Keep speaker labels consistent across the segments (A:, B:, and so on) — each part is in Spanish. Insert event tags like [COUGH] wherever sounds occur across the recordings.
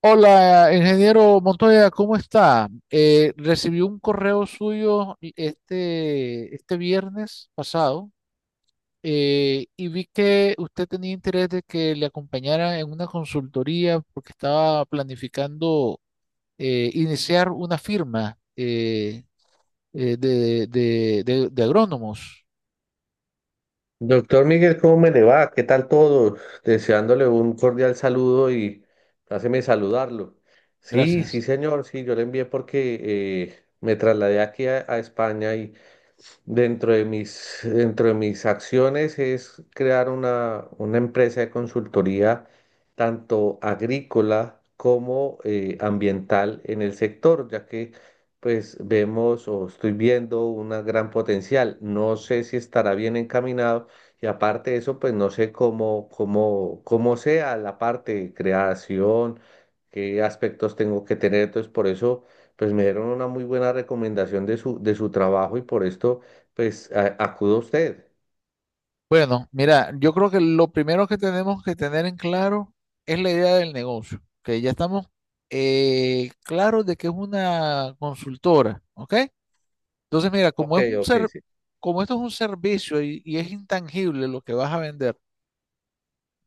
A: Hola, ingeniero Montoya, ¿cómo está? Recibí un correo suyo este viernes pasado y vi que usted tenía interés de que le acompañara en una consultoría porque estaba planificando iniciar una firma de, de agrónomos.
B: Doctor Miguel, ¿cómo me le va? ¿Qué tal todo? Deseándole un cordial saludo y háceme saludarlo. Sí,
A: Gracias.
B: sí, señor, sí, yo le envié porque me trasladé aquí a España y dentro de mis acciones es crear una empresa de consultoría tanto agrícola como ambiental en el sector, ya que pues vemos o estoy viendo un gran potencial. No sé si estará bien encaminado y aparte de eso, pues no sé cómo sea la parte de creación, qué aspectos tengo que tener. Entonces, por eso, pues me dieron una muy buena recomendación de su trabajo y por esto pues acuda usted.
A: Bueno, mira, yo creo que lo primero que tenemos que tener en claro es la idea del negocio, que ya estamos claros de que es una consultora, ¿ok? Entonces, mira,
B: Ok, ok, sí.
A: como esto es un servicio y es intangible lo que vas a vender,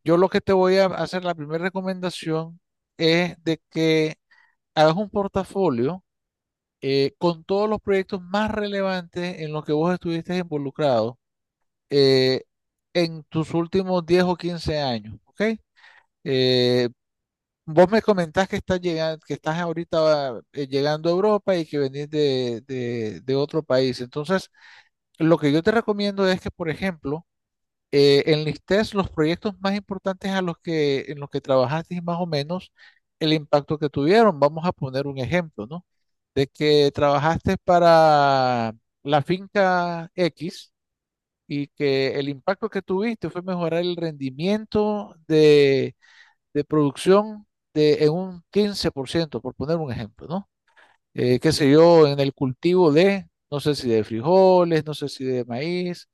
A: yo lo que te voy a hacer la primera recomendación es de que hagas un portafolio con todos los proyectos más relevantes en los que vos estuviste involucrado eh, en tus últimos 10 o 15 años, ¿ok? Eh, Vos me comentás que estás llegando, que estás ahorita llegando a Europa y que venís de, de otro país. Entonces, lo que yo te recomiendo es que, por ejemplo, enlistes los proyectos más importantes a los que, en los que trabajaste y más o menos el impacto que tuvieron. Vamos a poner un ejemplo, ¿no? De que trabajaste para la finca X y que el impacto que tuviste fue mejorar el rendimiento de producción de, en un 15% por poner un ejemplo, ¿no? Qué sé yo, en el cultivo de, no sé si de frijoles, no sé si de maíz,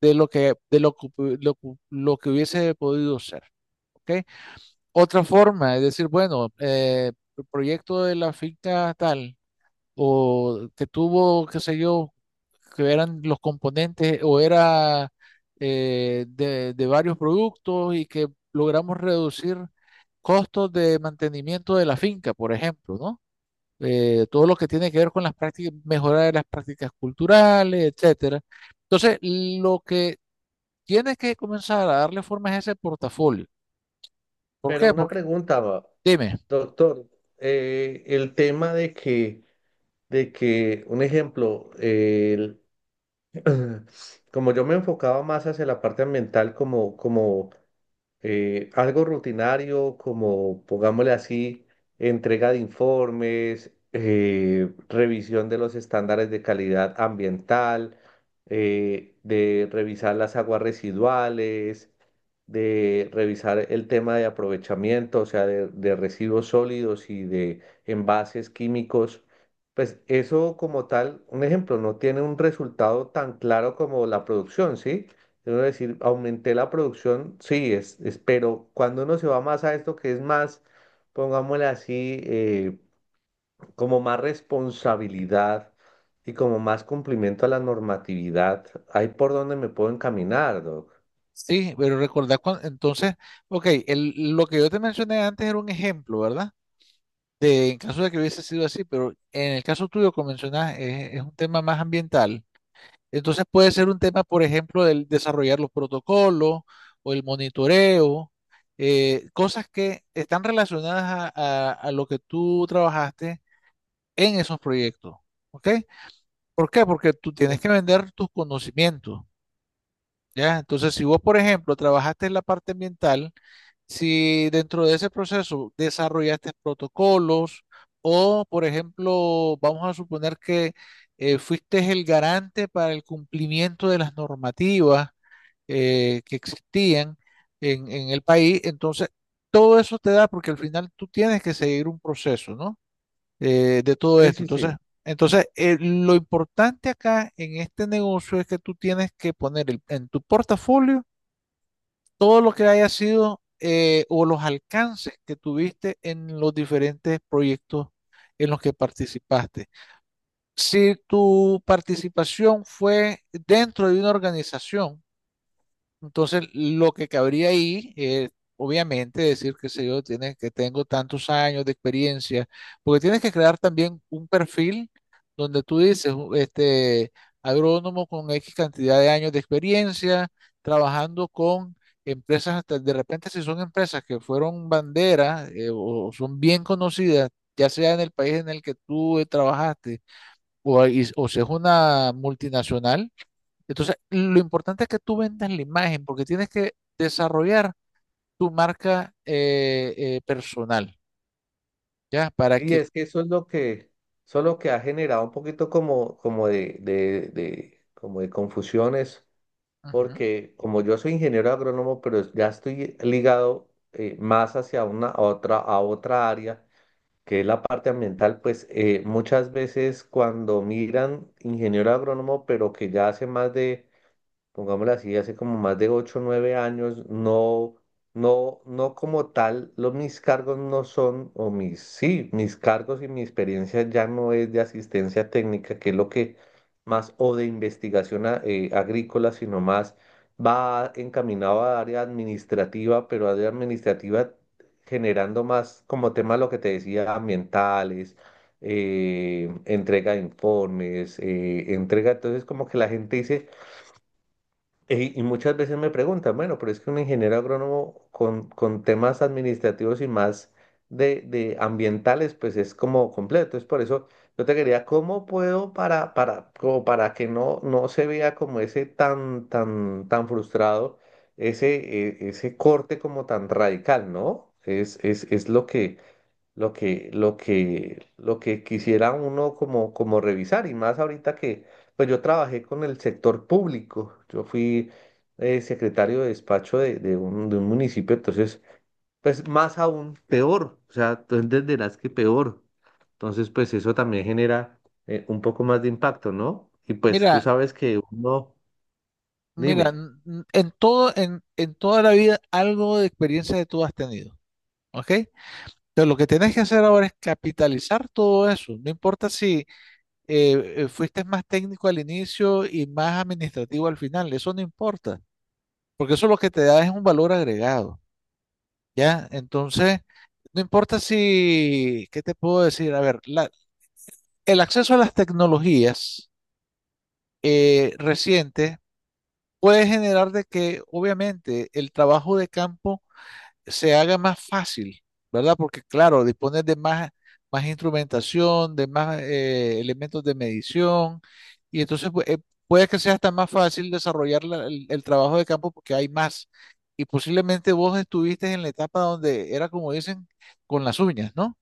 A: de lo, que lo que hubiese podido ser. ¿Ok? Otra forma es decir, bueno, el proyecto de la finca tal o que tuvo, qué sé yo, que eran los componentes o era de varios productos y que logramos reducir costos de mantenimiento de la finca, por ejemplo, ¿no? Todo lo que tiene que ver con las prácticas, mejorar de las prácticas culturales, etcétera. Entonces, lo que tienes que comenzar a darle forma es ese portafolio. ¿Por
B: Pero
A: qué?
B: una
A: Porque,
B: pregunta, va,
A: dime,
B: doctor, el tema de que, un ejemplo, [CLEARS THROAT] como yo me enfocaba más hacia la parte ambiental, como, algo rutinario como, pongámosle así, entrega de informes, revisión de los estándares de calidad ambiental, de revisar las aguas residuales, de revisar el tema de aprovechamiento, o sea, de residuos sólidos y de envases químicos. Pues eso como tal, un ejemplo, no tiene un resultado tan claro como la producción, ¿sí? Debo decir, aumenté la producción, sí, pero cuando uno se va más a esto que es más, pongámosle así, como más responsabilidad y como más cumplimiento a la normatividad, ahí por donde me puedo encaminar, Doc.
A: sí, pero recordar, entonces, ok, lo que yo te mencioné antes era un ejemplo, ¿verdad? De, en caso de que hubiese sido así, pero en el caso tuyo, como mencionas, es un tema más ambiental. Entonces puede ser un tema, por ejemplo, del desarrollar los protocolos o el monitoreo, cosas que están relacionadas a, a lo que tú trabajaste en esos proyectos. ¿Ok? ¿Por qué? Porque tú tienes que vender tus conocimientos, ¿ya? Entonces, si vos, por ejemplo, trabajaste en la parte ambiental, si dentro de ese proceso desarrollaste protocolos o, por ejemplo, vamos a suponer que fuiste el garante para el cumplimiento de las normativas que existían en el país, entonces todo eso te da, porque al final tú tienes que seguir un proceso, ¿no? De todo
B: Sí,
A: esto.
B: sí,
A: Entonces,
B: sí.
A: entonces eh, lo importante acá en este negocio es que tú tienes que poner en tu portafolio todo lo que haya sido o los alcances que tuviste en los diferentes proyectos en los que participaste. Si tu participación fue dentro de una organización, entonces, lo que cabría ahí es, obviamente, decir, qué sé yo, tienes, que tengo tantos años de experiencia, porque tienes que crear también un perfil donde tú dices, este, agrónomo con X cantidad de años de experiencia, trabajando con empresas, hasta de repente si son empresas que fueron banderas o son bien conocidas, ya sea en el país en el que tú trabajaste, o, o si es una multinacional, entonces, lo importante es que tú vendas la imagen porque tienes que desarrollar tu marca personal, ¿ya? Para
B: Y
A: que,
B: es que eso es lo que ha generado un poquito como de confusiones,
A: ujú,
B: porque como yo soy ingeniero agrónomo, pero ya estoy ligado más hacia una, a otra área que es la parte ambiental, pues muchas veces cuando miran ingeniero agrónomo, pero que ya hace más de pongámoslo así, hace como más de ocho o 9 años, no, no, no como tal, los, mis cargos no son, o mis, sí, mis cargos y mi experiencia ya no es de asistencia técnica, que es lo que más, o de investigación agrícola, sino más va encaminado a área administrativa, pero área administrativa generando más como tema lo que te decía, ambientales. Entrega de informes, entrega, Entonces como que la gente dice, y muchas veces me preguntan, bueno, pero es que un ingeniero agrónomo con, temas administrativos y más de ambientales, pues es como completo. Es por eso yo te quería, ¿cómo puedo como para que no se vea como ese tan, tan, tan frustrado, ese, ese corte como tan radical, ¿no? Es lo que, lo que quisiera uno como revisar, y más ahorita que, pues yo trabajé con el sector público, yo fui secretario de despacho de un municipio, entonces, pues más aún peor, o sea, tú entenderás que peor, entonces, pues eso también genera un poco más de impacto, ¿no? Y pues tú
A: mira,
B: sabes que uno,
A: mira,
B: dime,
A: en todo, en toda la vida algo de experiencia de tú has tenido, ¿ok? Entonces, lo que tienes que hacer ahora es capitalizar todo eso. No importa si fuiste más técnico al inicio y más administrativo al final, eso no importa, porque eso lo que te da es un valor agregado. ¿Ya? Entonces, no importa si, ¿qué te puedo decir? A ver, el acceso a las tecnologías recientes puede generar de que, obviamente, el trabajo de campo se haga más fácil, ¿verdad? Porque claro, dispones de más, más instrumentación, de más elementos de medición, y entonces pues, puede que sea hasta más fácil desarrollar el trabajo de campo porque hay más. Y posiblemente vos estuviste en la etapa donde era como dicen, con las uñas, ¿no?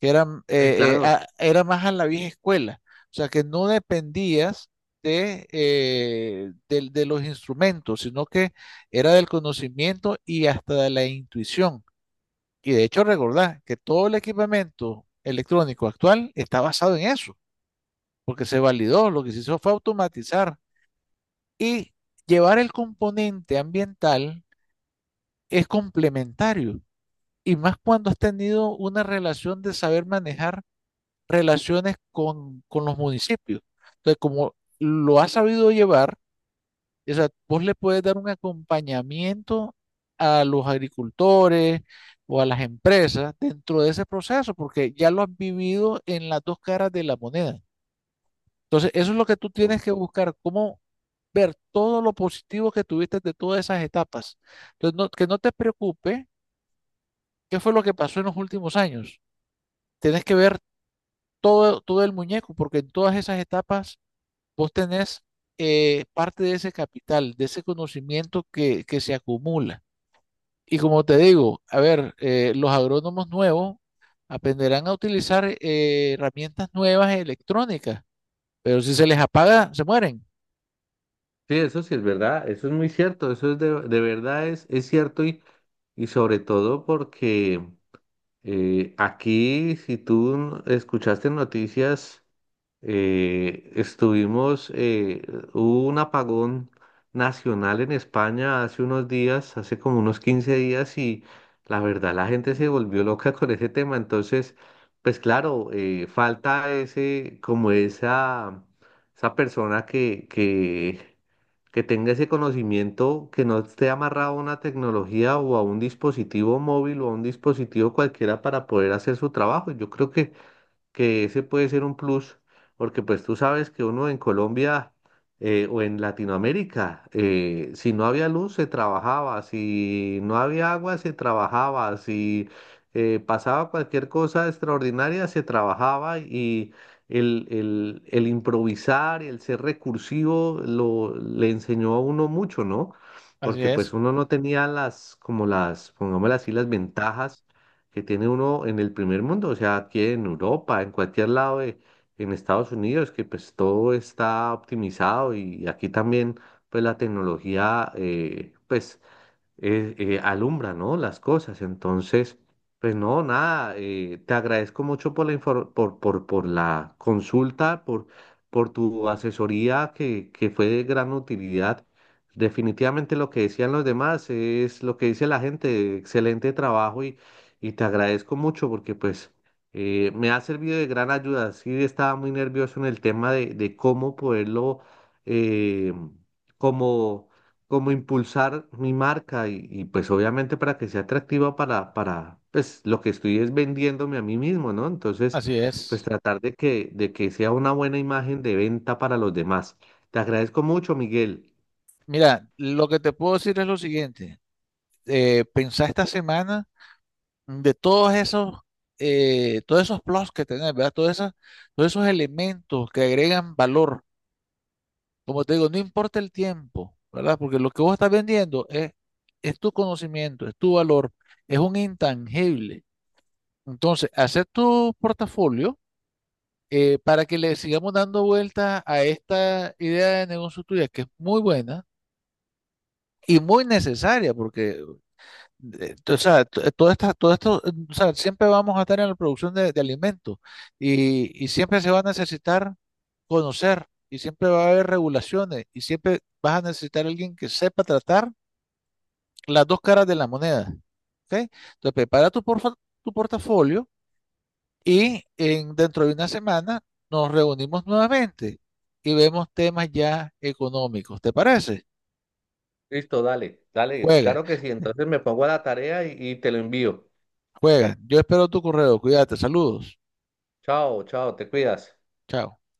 A: Que eran,
B: sí, claro.
A: era más a la vieja escuela, o sea que no dependías de, de los instrumentos, sino que era del conocimiento y hasta de la intuición. Y de hecho, recordad que todo el equipamiento electrónico actual está basado en eso, porque se validó, lo que se hizo fue automatizar y llevar el componente ambiental es complementario. Y más cuando has tenido una relación de saber manejar relaciones con los municipios. Entonces, como lo has sabido llevar, o sea, vos le puedes dar un acompañamiento a los agricultores o a las empresas dentro de ese proceso, porque ya lo has vivido en las dos caras de la moneda. Entonces, eso es lo que tú tienes que buscar, cómo ver todo lo positivo que tuviste de todas esas etapas. Entonces, que no te preocupe qué fue lo que pasó en los últimos años. Tienes que ver todo el muñeco, porque en todas esas etapas vos tenés parte de ese capital, de ese conocimiento que se acumula. Y como te digo, a ver, los agrónomos nuevos aprenderán a utilizar herramientas nuevas e electrónicas, pero si se les apaga, se mueren.
B: Sí, eso sí es verdad, eso es muy cierto, eso es de verdad es cierto y sobre todo porque aquí, si tú escuchaste noticias, eh, estuvimos, eh, hubo un apagón nacional en España hace unos días, hace como unos 15 días y la verdad la gente se volvió loca con ese tema, entonces, pues claro, falta ese, como esa persona que, que tenga ese conocimiento, que no esté amarrado a una tecnología o a un dispositivo móvil o a un dispositivo cualquiera para poder hacer su trabajo. Yo creo que ese puede ser un plus, porque pues tú sabes que uno en Colombia o en Latinoamérica, si no había luz se trabajaba, si no había agua se trabajaba, si pasaba cualquier cosa extraordinaria se trabajaba y el improvisar, el ser recursivo lo, le enseñó a uno mucho, ¿no?
A: Así
B: Porque pues
A: es,
B: uno no tenía las, como las, pongámosle así, las ventajas que tiene uno en el primer mundo, o sea, aquí en Europa, en cualquier lado en Estados Unidos, que pues todo está optimizado y aquí también pues la tecnología alumbra, ¿no? Las cosas. Entonces, pues no, nada, te agradezco mucho por la por la consulta, por tu asesoría que fue de gran utilidad. Definitivamente lo que decían los demás es lo que dice la gente, excelente trabajo y te agradezco mucho porque pues me ha servido de gran ayuda. Sí, estaba muy nervioso en el tema de cómo poderlo, eh, como impulsar mi marca y, pues obviamente para que sea atractiva pues lo que estoy es vendiéndome a mí mismo, ¿no? Entonces,
A: así
B: pues
A: es.
B: tratar de que sea una buena imagen de venta para los demás. Te agradezco mucho, Miguel.
A: Mira, lo que te puedo decir es lo siguiente. Pensá esta semana de todos esos plus que tenés, ¿verdad? Todos esos elementos que agregan valor. Como te digo, no importa el tiempo, ¿verdad? Porque lo que vos estás vendiendo es tu conocimiento, es tu valor, es un intangible. Entonces, hacer tu portafolio para que le sigamos dando vuelta a esta idea de negocio tuya, que es muy buena y muy necesaria, porque o sea, todo esto, o sea, siempre vamos a estar en la producción de alimentos y siempre se va a necesitar conocer y siempre va a haber regulaciones y siempre vas a necesitar alguien que sepa tratar las dos caras de la moneda. ¿Ok? Entonces, prepara tu, tu portafolio y en, dentro de una semana nos reunimos nuevamente y vemos temas ya económicos. ¿Te parece?
B: Listo, dale, dale,
A: Juega,
B: claro que sí. Entonces me pongo a la tarea y te lo envío.
A: juega. Yo espero tu correo. Cuídate. Saludos.
B: Chao, chao, te cuidas.
A: Chao.